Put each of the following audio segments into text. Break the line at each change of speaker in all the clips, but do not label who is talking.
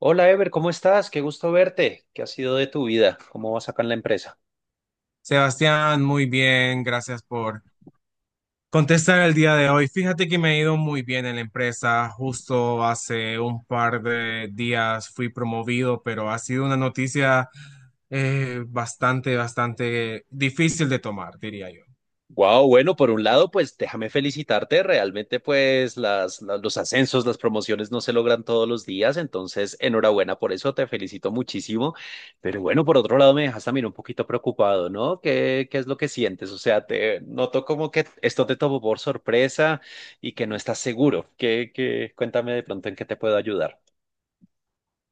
Hola Ever, ¿cómo estás? Qué gusto verte. ¿Qué ha sido de tu vida? ¿Cómo vas acá en la empresa?
Sebastián, muy bien, gracias por contestar el día de hoy. Fíjate que me ha ido muy bien en la empresa. Justo hace un par de días fui promovido, pero ha sido una noticia bastante difícil de tomar, diría yo.
Wow, bueno, por un lado, pues déjame felicitarte. Realmente, pues los ascensos, las promociones no se logran todos los días, entonces enhorabuena por eso, te felicito muchísimo. Pero bueno, por otro lado, me dejas también un poquito preocupado, ¿no? ¿Qué es lo que sientes? O sea, te noto como que esto te tomó por sorpresa y que no estás seguro. ¿Qué, qué? Cuéntame de pronto en qué te puedo ayudar.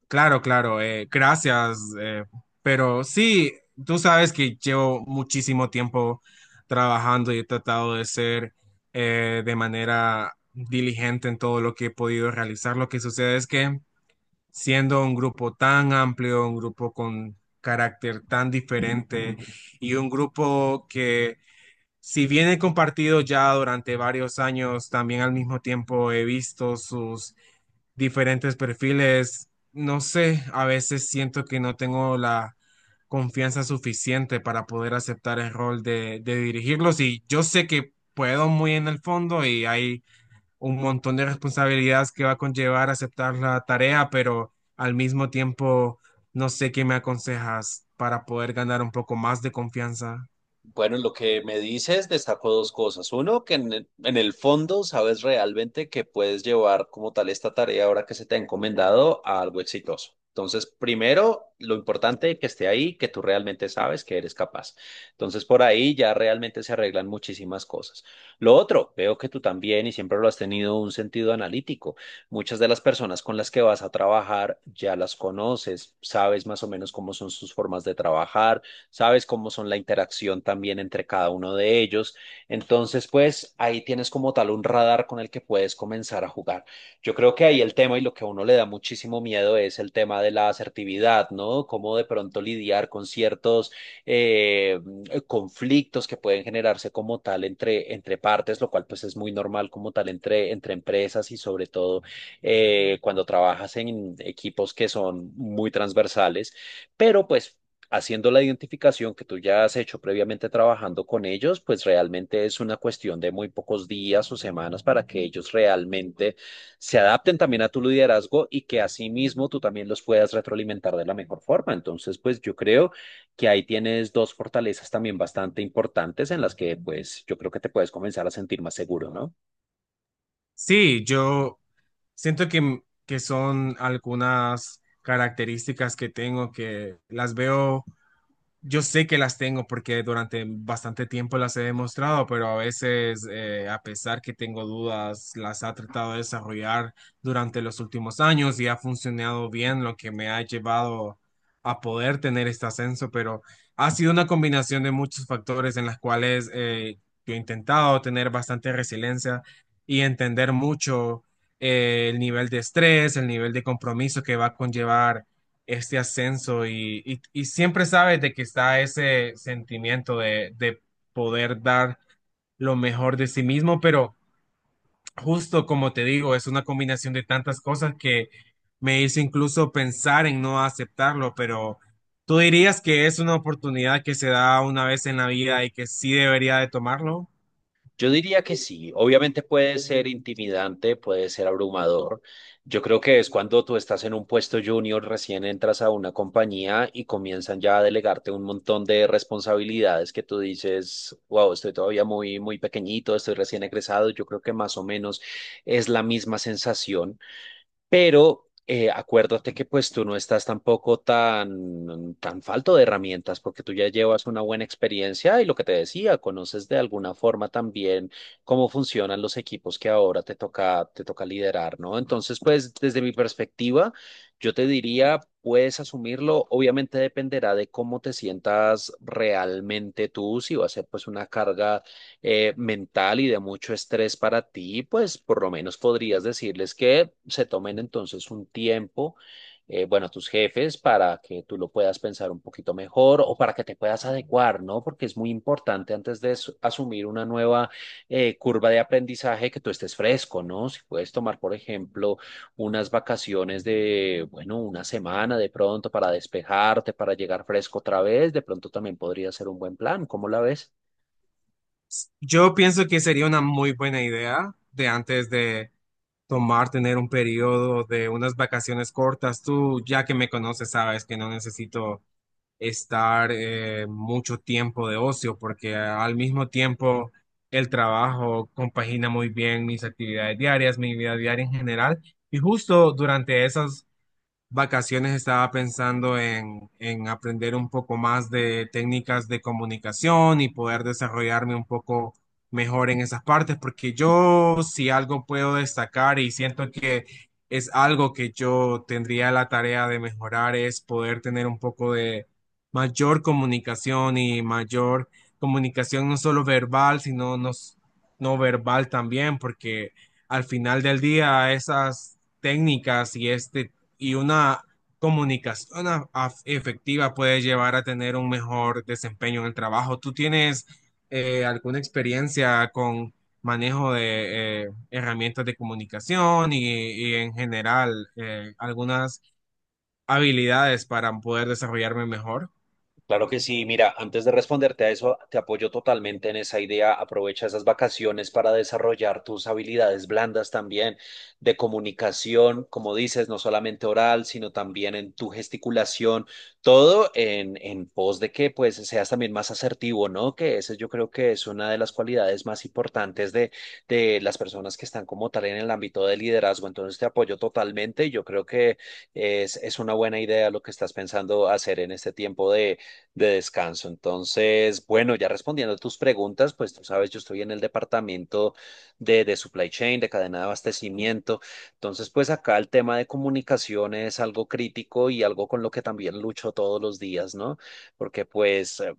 Claro, claro, gracias, pero sí, tú sabes que llevo muchísimo tiempo trabajando y he tratado de ser de manera diligente en todo lo que he podido realizar. Lo que sucede es que siendo un grupo tan amplio, un grupo con carácter tan diferente y un grupo que si bien he compartido ya durante varios años, también al mismo tiempo he visto sus diferentes perfiles, no sé, a veces siento que no tengo la confianza suficiente para poder aceptar el rol de dirigirlos y yo sé que puedo muy en el fondo y hay un montón de responsabilidades que va a conllevar aceptar la tarea, pero al mismo tiempo no sé qué me aconsejas para poder ganar un poco más de confianza.
Bueno, lo que me dices destaco dos cosas. Uno, que en el fondo sabes realmente que puedes llevar como tal esta tarea ahora que se te ha encomendado a algo exitoso. Entonces, primero, lo importante que esté ahí, que tú realmente sabes que eres capaz. Entonces, por ahí ya realmente se arreglan muchísimas cosas. Lo otro, veo que tú también, y siempre lo has tenido, un sentido analítico. Muchas de las personas con las que vas a trabajar ya las conoces, sabes más o menos cómo son sus formas de trabajar. Sabes cómo son la interacción también entre cada uno de ellos. Entonces, pues ahí tienes como tal un radar con el que puedes comenzar a jugar. Yo creo que ahí el tema y lo que a uno le da muchísimo miedo es el tema de la asertividad, ¿no? Cómo de pronto lidiar con ciertos eh, conflictos que pueden generarse como tal entre partes, lo cual pues es muy normal como tal entre empresas y sobre todo cuando trabajas en equipos que son muy transversales, pero pues haciendo la identificación que tú ya has hecho previamente trabajando con ellos, pues realmente es una cuestión de muy pocos días o semanas para que ellos realmente se adapten también a tu liderazgo y que asimismo tú también los puedas retroalimentar de la mejor forma. Entonces, pues yo creo que ahí tienes dos fortalezas también bastante importantes en las que pues yo creo que te puedes comenzar a sentir más seguro, ¿no?
Sí, yo siento que son algunas características que tengo que las veo. Yo sé que las tengo porque durante bastante tiempo las he demostrado, pero a veces, a pesar que tengo dudas, las ha tratado de desarrollar durante los últimos años y ha funcionado bien, lo que me ha llevado a poder tener este ascenso, pero ha sido una combinación de muchos factores en las cuales yo he intentado tener bastante resiliencia y entender mucho, el nivel de estrés, el nivel de compromiso que va a conllevar este ascenso y siempre sabes de que está ese sentimiento de poder dar lo mejor de sí mismo, pero justo como te digo, es una combinación de tantas cosas que me hizo incluso pensar en no aceptarlo, pero ¿tú dirías que es una oportunidad que se da una vez en la vida y que sí debería de tomarlo?
Yo diría que sí, obviamente puede ser intimidante, puede ser abrumador. Yo creo que es cuando tú estás en un puesto junior, recién entras a una compañía y comienzan ya a delegarte un montón de responsabilidades que tú dices, wow, estoy todavía muy, muy pequeñito, estoy recién egresado. Yo creo que más o menos es la misma sensación, pero acuérdate que pues tú no estás tampoco tan, tan falto de herramientas porque tú ya llevas una buena experiencia y lo que te decía, conoces de alguna forma también cómo funcionan los equipos que ahora te toca liderar, ¿no? Entonces, pues desde mi perspectiva, yo te diría, puedes asumirlo, obviamente dependerá de cómo te sientas realmente tú. Si va a ser pues una carga mental y de mucho estrés para ti, pues por lo menos podrías decirles que se tomen entonces un tiempo, bueno, tus jefes, para que tú lo puedas pensar un poquito mejor o para que te puedas adecuar, ¿no? Porque es muy importante antes de asumir una nueva curva de aprendizaje que tú estés fresco, ¿no? Si puedes tomar, por ejemplo, unas vacaciones de, bueno, una semana de pronto para despejarte, para llegar fresco otra vez, de pronto también podría ser un buen plan. ¿Cómo la ves?
Yo pienso que sería una muy buena idea de antes de tomar, tener un periodo de unas vacaciones cortas. Tú, ya que me conoces, sabes que no necesito estar mucho tiempo de ocio porque al mismo tiempo el trabajo compagina muy bien mis actividades diarias, mi vida diaria en general. Y justo durante esas vacaciones estaba pensando en aprender un poco más de técnicas de comunicación y poder desarrollarme un poco mejor en esas partes, porque yo si algo puedo destacar y siento que es algo que yo tendría la tarea de mejorar es poder tener un poco de mayor comunicación y mayor comunicación, no solo verbal, sino no verbal también, porque al final del día esas técnicas y este y una comunicación efectiva puede llevar a tener un mejor desempeño en el trabajo. ¿Tú tienes alguna experiencia con manejo de herramientas de comunicación y en general, algunas habilidades para poder desarrollarme mejor?
Claro que sí, mira, antes de responderte a eso, te apoyo totalmente en esa idea. Aprovecha esas vacaciones para desarrollar tus habilidades blandas también de comunicación, como dices, no solamente oral, sino también en tu gesticulación, todo en pos de que pues seas también más asertivo, ¿no? Que ese yo creo que es una de las cualidades más importantes de las personas que están como tal en el ámbito del liderazgo. Entonces te apoyo totalmente y yo creo que es una buena idea lo que estás pensando hacer en este tiempo de descanso. Entonces, bueno, ya respondiendo a tus preguntas, pues tú sabes, yo estoy en el departamento de supply chain, de cadena de abastecimiento. Entonces, pues acá el tema de comunicación es algo crítico y algo con lo que también lucho todos los días, ¿no? Porque pues,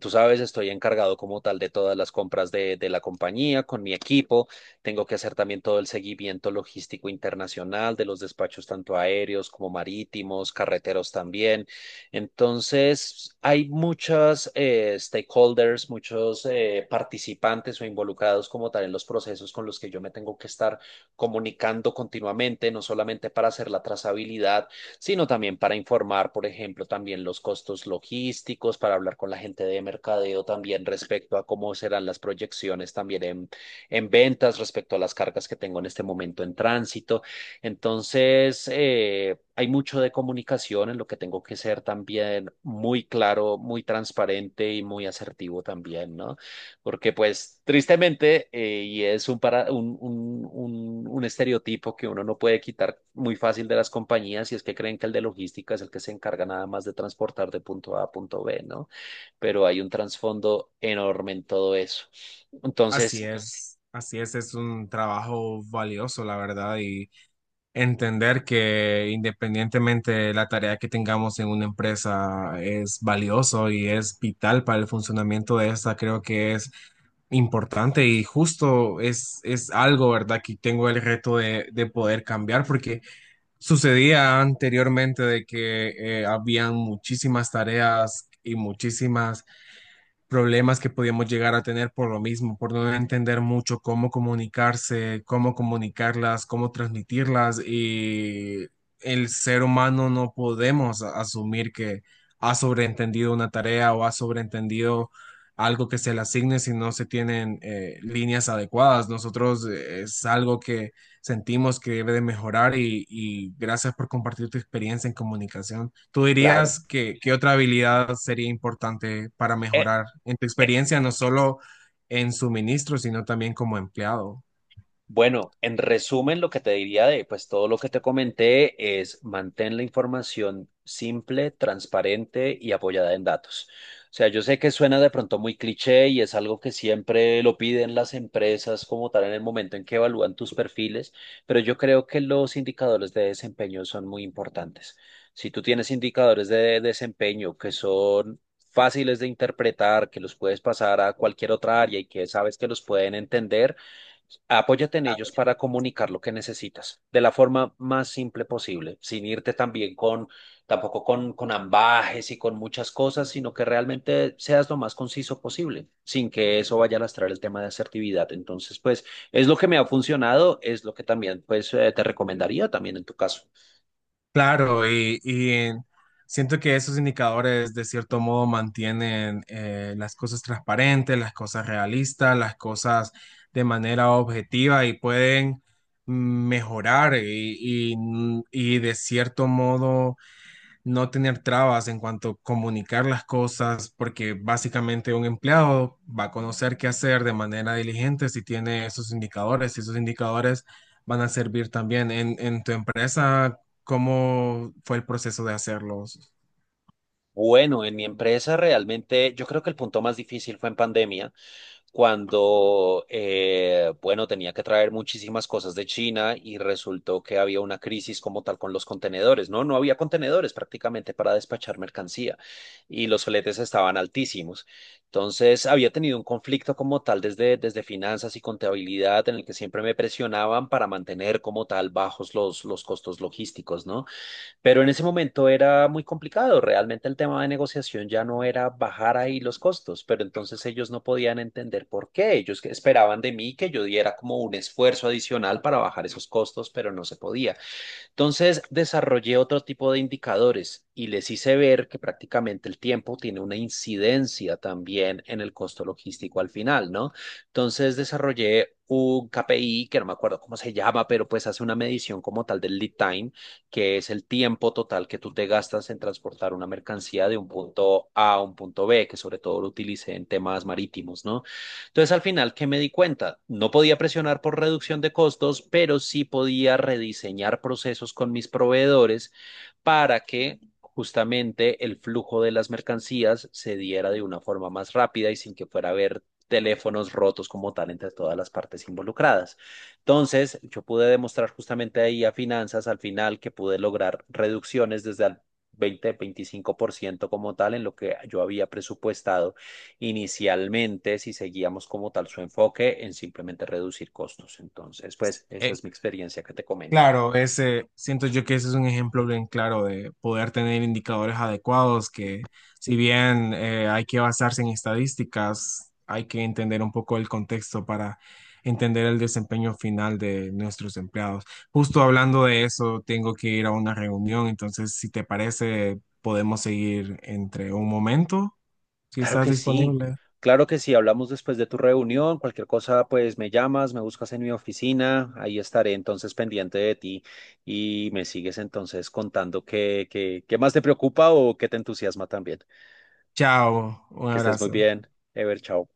tú sabes, estoy encargado como tal de todas las compras de la compañía con mi equipo. Tengo que hacer también todo el seguimiento logístico internacional de los despachos tanto aéreos como marítimos, carreteros también. Entonces, hay muchos stakeholders, muchos participantes o involucrados como tal en los procesos con los que yo me tengo que estar comunicando continuamente, no solamente para hacer la trazabilidad, sino también para informar, por ejemplo, también los costos logísticos, para hablar con la gente de mercadeo también respecto a cómo serán las proyecciones también en ventas, respecto a las cargas que tengo en este momento en tránsito. Entonces, hay mucho de comunicación en lo que tengo que ser también muy claro, muy transparente y muy asertivo también, ¿no? Porque pues tristemente, y es un, para, un, un estereotipo que uno no puede quitar muy fácil de las compañías y es que creen que el de logística es el que se encarga nada más de transportar de punto A a punto B, ¿no? Pero hay un trasfondo enorme en todo eso. Entonces.
Así es un trabajo valioso, la verdad, y entender que independientemente de la tarea que tengamos en una empresa es valioso y es vital para el funcionamiento de esta, creo que es importante y justo es algo, ¿verdad? Que tengo el reto de poder cambiar porque sucedía anteriormente de que habían muchísimas tareas y muchísimas problemas que podíamos llegar a tener por lo mismo, por no entender mucho cómo comunicarse, cómo comunicarlas, cómo transmitirlas y el ser humano no podemos asumir que ha sobreentendido una tarea o ha sobreentendido algo que se le asigne si no se tienen líneas adecuadas. Nosotros, es algo que sentimos que debe de mejorar y gracias por compartir tu experiencia en comunicación. ¿Tú
Claro.
dirías que qué otra habilidad sería importante para
eh,
mejorar en tu experiencia, no solo en suministro, sino también como empleado?
Bueno, en resumen, lo que te diría de pues todo lo que te comenté es mantén la información simple, transparente y apoyada en datos. O sea, yo sé que suena de pronto muy cliché y es algo que siempre lo piden las empresas como tal en el momento en que evalúan tus perfiles, pero yo creo que los indicadores de desempeño son muy importantes. Si tú tienes indicadores de desempeño que son fáciles de interpretar, que los puedes pasar a cualquier otra área y que sabes que los pueden entender, apóyate en ellos para comunicar lo que necesitas de la forma más simple posible, sin irte también con, tampoco con, ambages y con muchas cosas, sino que realmente seas lo más conciso posible, sin que eso vaya a lastrar el tema de asertividad. Entonces, pues, es lo que me ha funcionado, es lo que también, pues, te recomendaría también en tu caso.
Claro, y siento que esos indicadores de cierto modo mantienen, las cosas transparentes, las cosas realistas, las cosas de manera objetiva y pueden mejorar y de cierto modo no tener trabas en cuanto a comunicar las cosas, porque básicamente un empleado va a conocer qué hacer de manera diligente si tiene esos indicadores, y esos indicadores van a servir también en tu empresa. ¿Cómo fue el proceso de hacerlos?
Bueno, en mi empresa realmente yo creo que el punto más difícil fue en pandemia cuando, bueno, tenía que traer muchísimas cosas de China y resultó que había una crisis como tal con los contenedores, ¿no? No había contenedores prácticamente para despachar mercancía y los fletes estaban altísimos. Entonces, había tenido un conflicto como tal desde finanzas y contabilidad en el que siempre me presionaban para mantener como tal bajos los costos logísticos, ¿no? Pero en ese momento era muy complicado. Realmente el tema de negociación ya no era bajar ahí los costos, pero entonces ellos no podían entender por qué. Ellos que esperaban de mí que yo diera como un esfuerzo adicional para bajar esos costos, pero no se podía. Entonces desarrollé otro tipo de indicadores y les hice ver que prácticamente el tiempo tiene una incidencia también en el costo logístico al final, ¿no? Entonces desarrollé un KPI que no me acuerdo cómo se llama, pero pues hace una medición como tal del lead time, que es el tiempo total que tú te gastas en transportar una mercancía de un punto A a un punto B, que sobre todo lo utilicé en temas marítimos, ¿no? Entonces, al final, ¿qué me di cuenta? No podía presionar por reducción de costos, pero sí podía rediseñar procesos con mis proveedores para que justamente el flujo de las mercancías se diera de una forma más rápida y sin que fuera a haber teléfonos rotos como tal entre todas las partes involucradas. Entonces, yo pude demostrar justamente ahí a finanzas al final que pude lograr reducciones desde el 20-25% como tal en lo que yo había presupuestado inicialmente si seguíamos como tal su enfoque en simplemente reducir costos. Entonces, pues esa es mi experiencia que te comento.
Claro, ese, siento yo que ese es un ejemplo bien claro de poder tener indicadores adecuados que si bien, hay que basarse en estadísticas, hay que entender un poco el contexto para entender el desempeño final de nuestros empleados. Justo hablando de eso, tengo que ir a una reunión, entonces si te parece, podemos seguir entre un momento, si
Claro
estás
que sí,
disponible.
claro que sí. Hablamos después de tu reunión. Cualquier cosa, pues me llamas, me buscas en mi oficina. Ahí estaré entonces pendiente de ti y me sigues entonces contando qué más te preocupa o qué te entusiasma también.
Chao, un
Que estés muy
abrazo.
bien. Ever, chao.